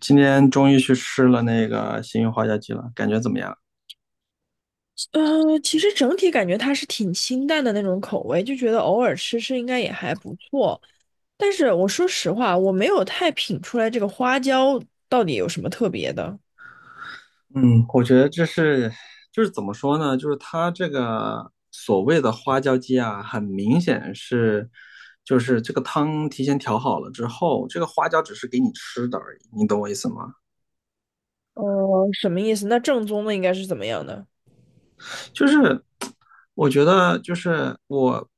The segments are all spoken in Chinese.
今天终于去吃了那个新运花椒鸡了，感觉怎么样？嗯，其实整体感觉它是挺清淡的那种口味，就觉得偶尔吃吃应该也还不错。但是我说实话，我没有太品出来这个花椒到底有什么特别的。嗯，我觉得就是怎么说呢？就是它这个所谓的花椒鸡啊，很明显就是这个汤提前调好了之后，这个花椒只是给你吃的而已，你懂我意思吗？呃，什么意思？那正宗的应该是怎么样的？就是我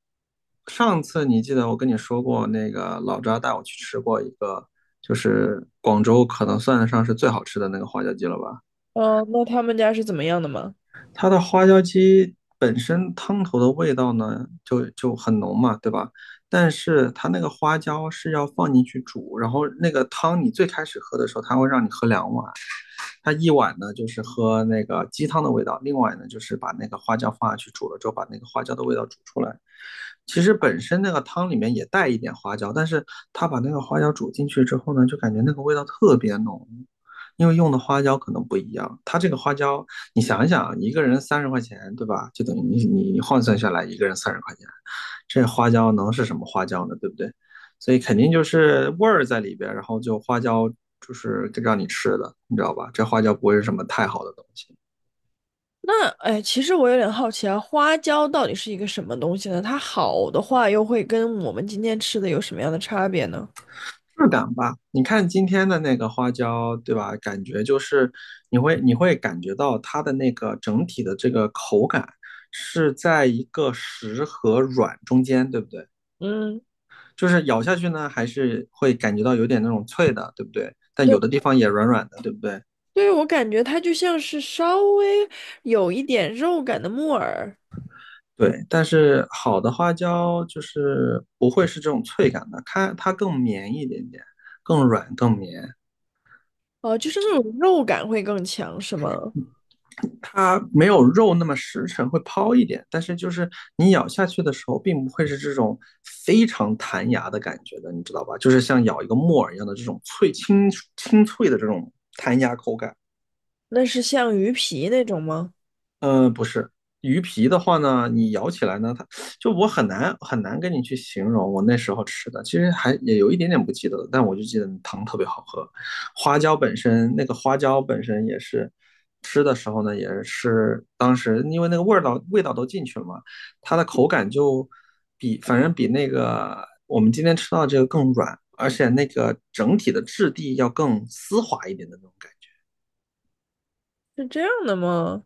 上次你记得我跟你说过，那个老张带我去吃过一个，就是广州可能算得上是最好吃的那个花椒鸡了吧？那他们家是怎么样的吗？它的花椒鸡本身汤头的味道呢，就很浓嘛，对吧？但是它那个花椒是要放进去煮，然后那个汤你最开始喝的时候，它会让你喝2碗，它一碗呢就是喝那个鸡汤的味道，另外呢就是把那个花椒放下去煮了之后，把那个花椒的味道煮出来。其实本身那个汤里面也带一点花椒，但是他把那个花椒煮进去之后呢，就感觉那个味道特别浓，因为用的花椒可能不一样。它这个花椒，你想一想啊，一个人三十块钱，对吧？就等于你换算下来，一个人三十块钱，这花椒能是什么花椒呢？对不对？所以肯定就是味儿在里边，然后就花椒就是让你吃的，你知道吧？这花椒不会是什么太好的东西，那哎，其实我有点好奇啊，花椒到底是一个什么东西呢？它好的话，又会跟我们今天吃的有什么样的差别呢？质感吧？你看今天的那个花椒，对吧？感觉就是你会感觉到它的那个整体的这个口感是在一个实和软中间，对不对？嗯，就是咬下去呢，还是会感觉到有点那种脆的，对不对？但有对。的地方也软软的，对不对？对，我感觉它就像是稍微有一点肉感的木耳，对，但是好的花椒就是不会是这种脆感的，它更绵一点点，更软更绵，哦、就是那种肉感会更强，是吗？它没有肉那么实诚，会抛一点，但是就是你咬下去的时候，并不会是这种非常弹牙的感觉的，你知道吧？就是像咬一个木耳一样的这种清脆的这种弹牙口感。那是像鱼皮那种吗？不是鱼皮的话呢，你咬起来呢，我很难跟你去形容我那时候吃的，其实还也有一点点不记得了，但我就记得汤特别好喝。花椒本身，那个花椒本身也是吃的时候呢，也是当时因为那个味道都进去了嘛，它的口感反正比那个我们今天吃到的这个更软，而且那个整体的质地要更丝滑一点的那种感觉。是这样的吗？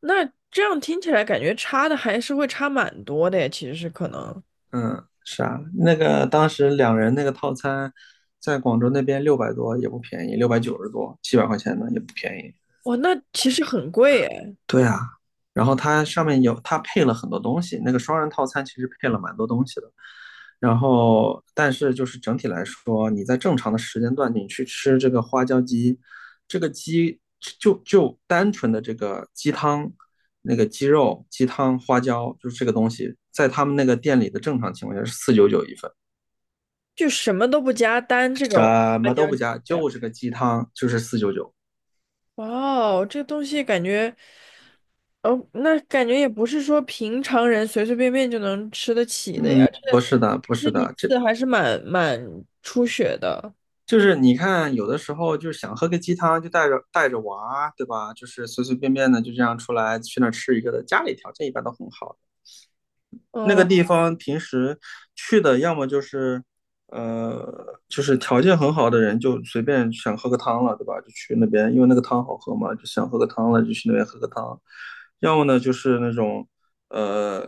那这样听起来感觉差的还是会差蛮多的耶，其实是可能。嗯，是啊，那个当时2人那个套餐，在广州那边600多也不便宜，690多，700块呢也不便宜。哇，那其实很贵哎，对啊，然后它上面它配了很多东西，那个双人套餐其实配了蛮多东西的。然后，但是就是整体来说，你在正常的时间段你去吃这个花椒鸡，这个鸡就单纯的这个鸡汤、那个鸡肉、鸡汤、花椒，就是这个东西，在他们那个店里的正常情况下是四九九一份。就什么都不加，单这个什花么都椒不鸡加，就是个鸡汤，就是四九九。哇哦，这东西感觉，哦，那感觉也不是说平常人随随便便就能吃得起的呀。不是的，不那是一的，次还是蛮蛮出血的。就是你看，有的时候就是想喝个鸡汤，就带着娃，对吧？就是随随便便的就这样出来去那儿吃一个的，家里条件一般都很好，那嗯，个地方平时去的，要么就是就是条件很好的人就随便想喝个汤了，对吧？就去那边，因为那个汤好喝嘛，就想喝个汤了，就去那边喝个汤。要么呢，就是那种呃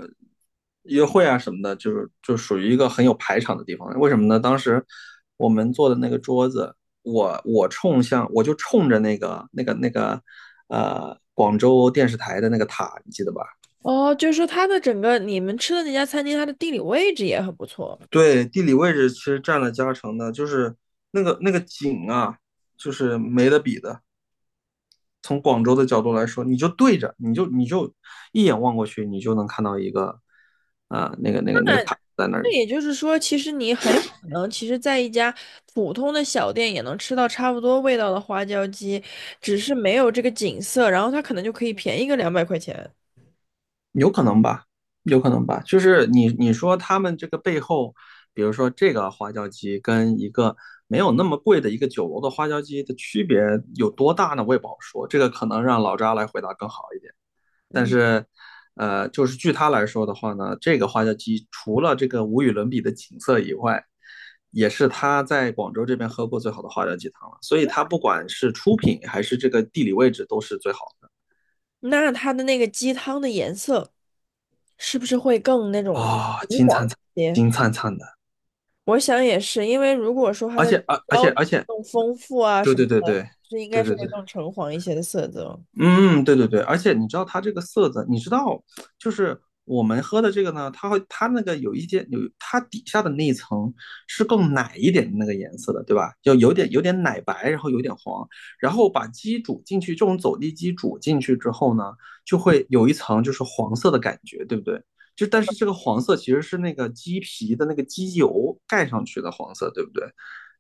约会啊什么的，就是就属于一个很有排场的地方。为什么呢？当时我们坐的那个桌子，我就冲着那个广州电视台的那个塔，你记得吧？哦，就是说它的整个你们吃的那家餐厅，它的地理位置也很不错。对，地理位置其实占了加成的，就是那个景啊，就是没得比的。从广州的角度来说，你就对着，你就一眼望过去，你就能看到一个，那个塔在那那里，也就是说，其实你很有可能，其实在一家普通的小店也能吃到差不多味道的花椒鸡，只是没有这个景色，然后它可能就可以便宜个200块钱。有可能吧，有可能吧。就是你说他们这个背后，比如说这个花椒鸡跟一个没有那么贵的一个酒楼的花椒鸡的区别有多大呢？我也不好说，这个可能让老扎来回答更好一点。但嗯，是，就是据他来说的话呢，这个花椒鸡除了这个无与伦比的景色以外，也是他在广州这边喝过最好的花椒鸡汤了。所以，他不管是出品还是这个地理位置，都是最好的。那它的那个鸡汤的颜色是不是会更那种啊、红金黄灿灿，一些？金灿灿的。我想也是，因为如果说它而的且，而而标且志而且，更丰富啊对什么对对的，对是应该对是对对会对。更橙黄一些的色泽。嗯，对对对，而且你知道它这个色泽，你知道，就是我们喝的这个呢，它会它那个有一些有它底下的那一层是更奶一点的那个颜色的，对吧？就有点奶白，然后有点黄，然后把鸡煮进去，这种走地鸡煮进去之后呢，就会有一层就是黄色的感觉，对不对？但是这个黄色其实是那个鸡皮的那个鸡油盖上去的黄色，对不对？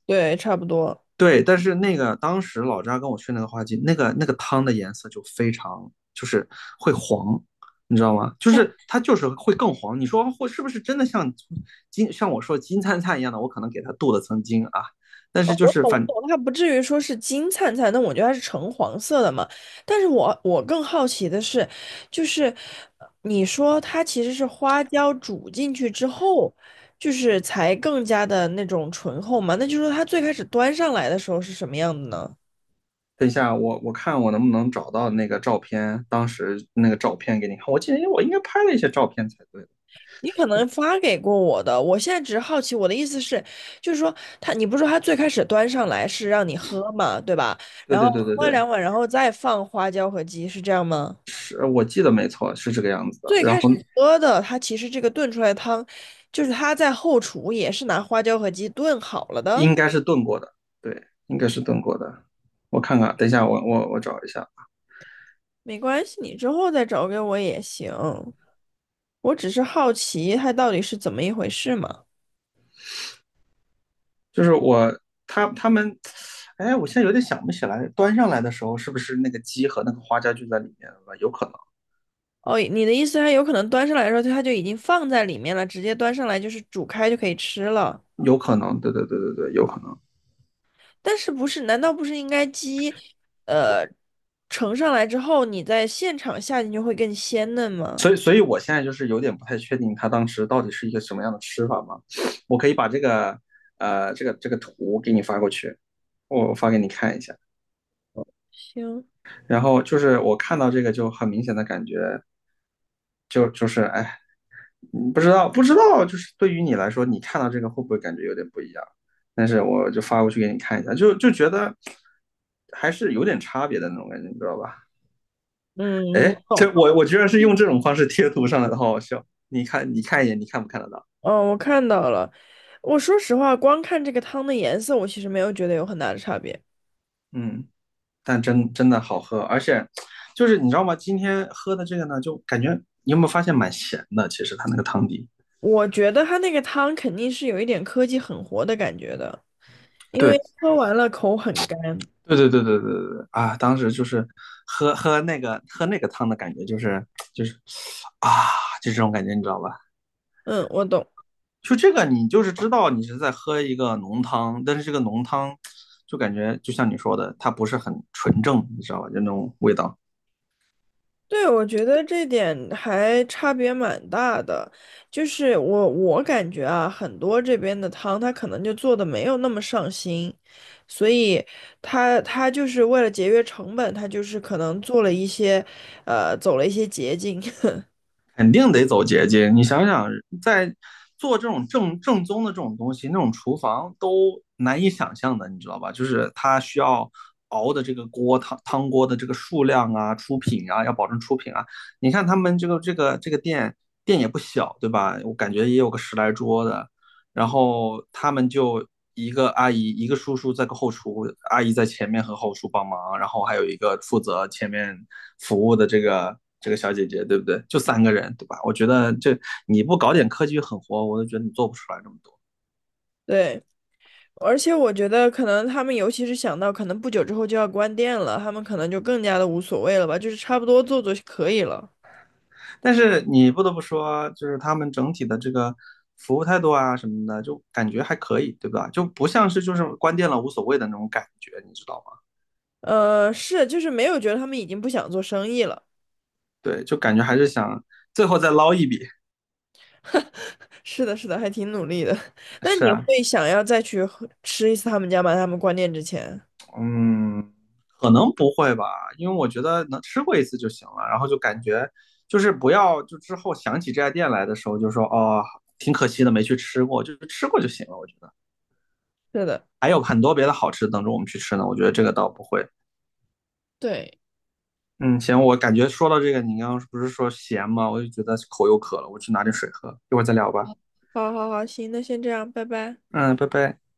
对，差不多。对，但是那个当时老张跟我去那个花鸡，那个汤的颜色就非常就是会黄，你知道吗？就哎，是它就是会更黄。你说会是不是真的像像我说金灿灿一样的？我可能给它镀了层金啊，但是哦就我是懂我懂，它不至于说是金灿灿，那我觉得它是橙黄色的嘛。但是我更好奇的是，就是你说它其实是花椒煮进去之后，就是才更加的那种醇厚嘛？那就是说它最开始端上来的时候是什么样的呢？等一下我看我能不能找到那个照片，当时那个照片给你看。我记得我应该拍了一些照片才对。你可能发给过我的，我现在只是好奇。我的意思是，就是说他，你不是说他最开始端上来是让你喝嘛，对吧？对然后对对对喝对，2碗，然后再放花椒和鸡，是这样吗？是我记得没错，是这个样子的。最然开始后喝的，它其实这个炖出来的汤，就是它在后厨也是拿花椒和鸡炖好了的，应该是炖过的，对，应该是炖过的。我看看，等一下，我找一下，没关系，你之后再找给我也行。我只是好奇它到底是怎么一回事嘛。就是他们，哎，我现在有点想不起来，端上来的时候是不是那个鸡和那个花椒就在里面了吧，有可能，哦，你的意思，它有可能端上来的时候，它就已经放在里面了，直接端上来就是煮开就可以吃了。有可能，对对对对对，有可能。但是不是？难道不是应该鸡，呃，盛上来之后，你在现场下进去会更鲜嫩所吗？以所以我现在就是有点不太确定他当时到底是一个什么样的吃法嘛。我可以把这个这个图给你发过去，我发给你看一下。行，然后就是我看到这个就很明显的感觉，就是哎，不知道，不知道，就是对于你来说，你看到这个会不会感觉有点不一样？但是我就发过去给你看一下，就觉得还是有点差别的那种感觉，你知道吧？嗯，哎，我懂这了。我我居然是用这种方式贴图上来的，好好笑。你看，你看一眼，你看不看得到？嗯，我看到了。我说实话，光看这个汤的颜色，我其实没有觉得有很大的差别。嗯，但真真的好喝，而且就是你知道吗？今天喝的这个呢，就感觉你有没有发现蛮咸的？其实它那个汤底，我觉得它那个汤肯定是有一点科技狠活的感觉的，因为对，喝完了口很干。对对对对对对对啊！当时就是喝那个汤的感觉，就是啊，就这种感觉，你知道吧？嗯，我懂。就这个，你就是知道你是在喝一个浓汤，但是这个浓汤就感觉就像你说的，它不是很纯正，你知道吧？就那种味道。对，我觉得这点还差别蛮大的，就是我感觉啊，很多这边的汤他可能就做的没有那么上心，所以他就是为了节约成本，他就是可能做了一些，走了一些捷径，肯定得走捷径。你想想，在做这种正宗的这种东西，那种厨房都难以想象的，你知道吧？就是它需要熬的这个锅汤锅的这个数量啊、出品啊，要保证出品啊。你看他们这个店也不小，对吧？我感觉也有个10来桌的，然后他们就一个阿姨，一个叔叔在个后厨，阿姨在前面和后厨帮忙，然后还有一个负责前面服务的这个小姐姐，对不对？就三个人，对吧？我觉得你不搞点科技与狠活，我都觉得你做不出来这么多。对，而且我觉得可能他们尤其是想到可能不久之后就要关店了，他们可能就更加的无所谓了吧，就是差不多做做就可以了，但是你不得不说，就是他们整体的这个服务态度啊什么的，就感觉还可以，对吧？就不像是就是关店了无所谓的那种感觉，你知道吗？是，就是没有觉得他们已经不想做生意了。对，就感觉还是想最后再捞一笔。是的，是的，还挺努力的。那是你啊，会想要再去喝吃一次他们家吗？他们关店之前。嗯，可能不会吧，因为我觉得能吃过一次就行了，然后就感觉就是不要就之后想起这家店来的时候就说哦，挺可惜的没去吃过，就是吃过就行了。我觉得是的，还有嗯，很多别的好吃等着我们去吃呢，我觉得这个倒不会。对，嗯，行，我感觉说到这个，你刚刚不是说咸吗？我就觉得口又渴了，我去拿点水喝，一会儿再聊吧。好好好，行，那先这样，拜拜。嗯，拜拜。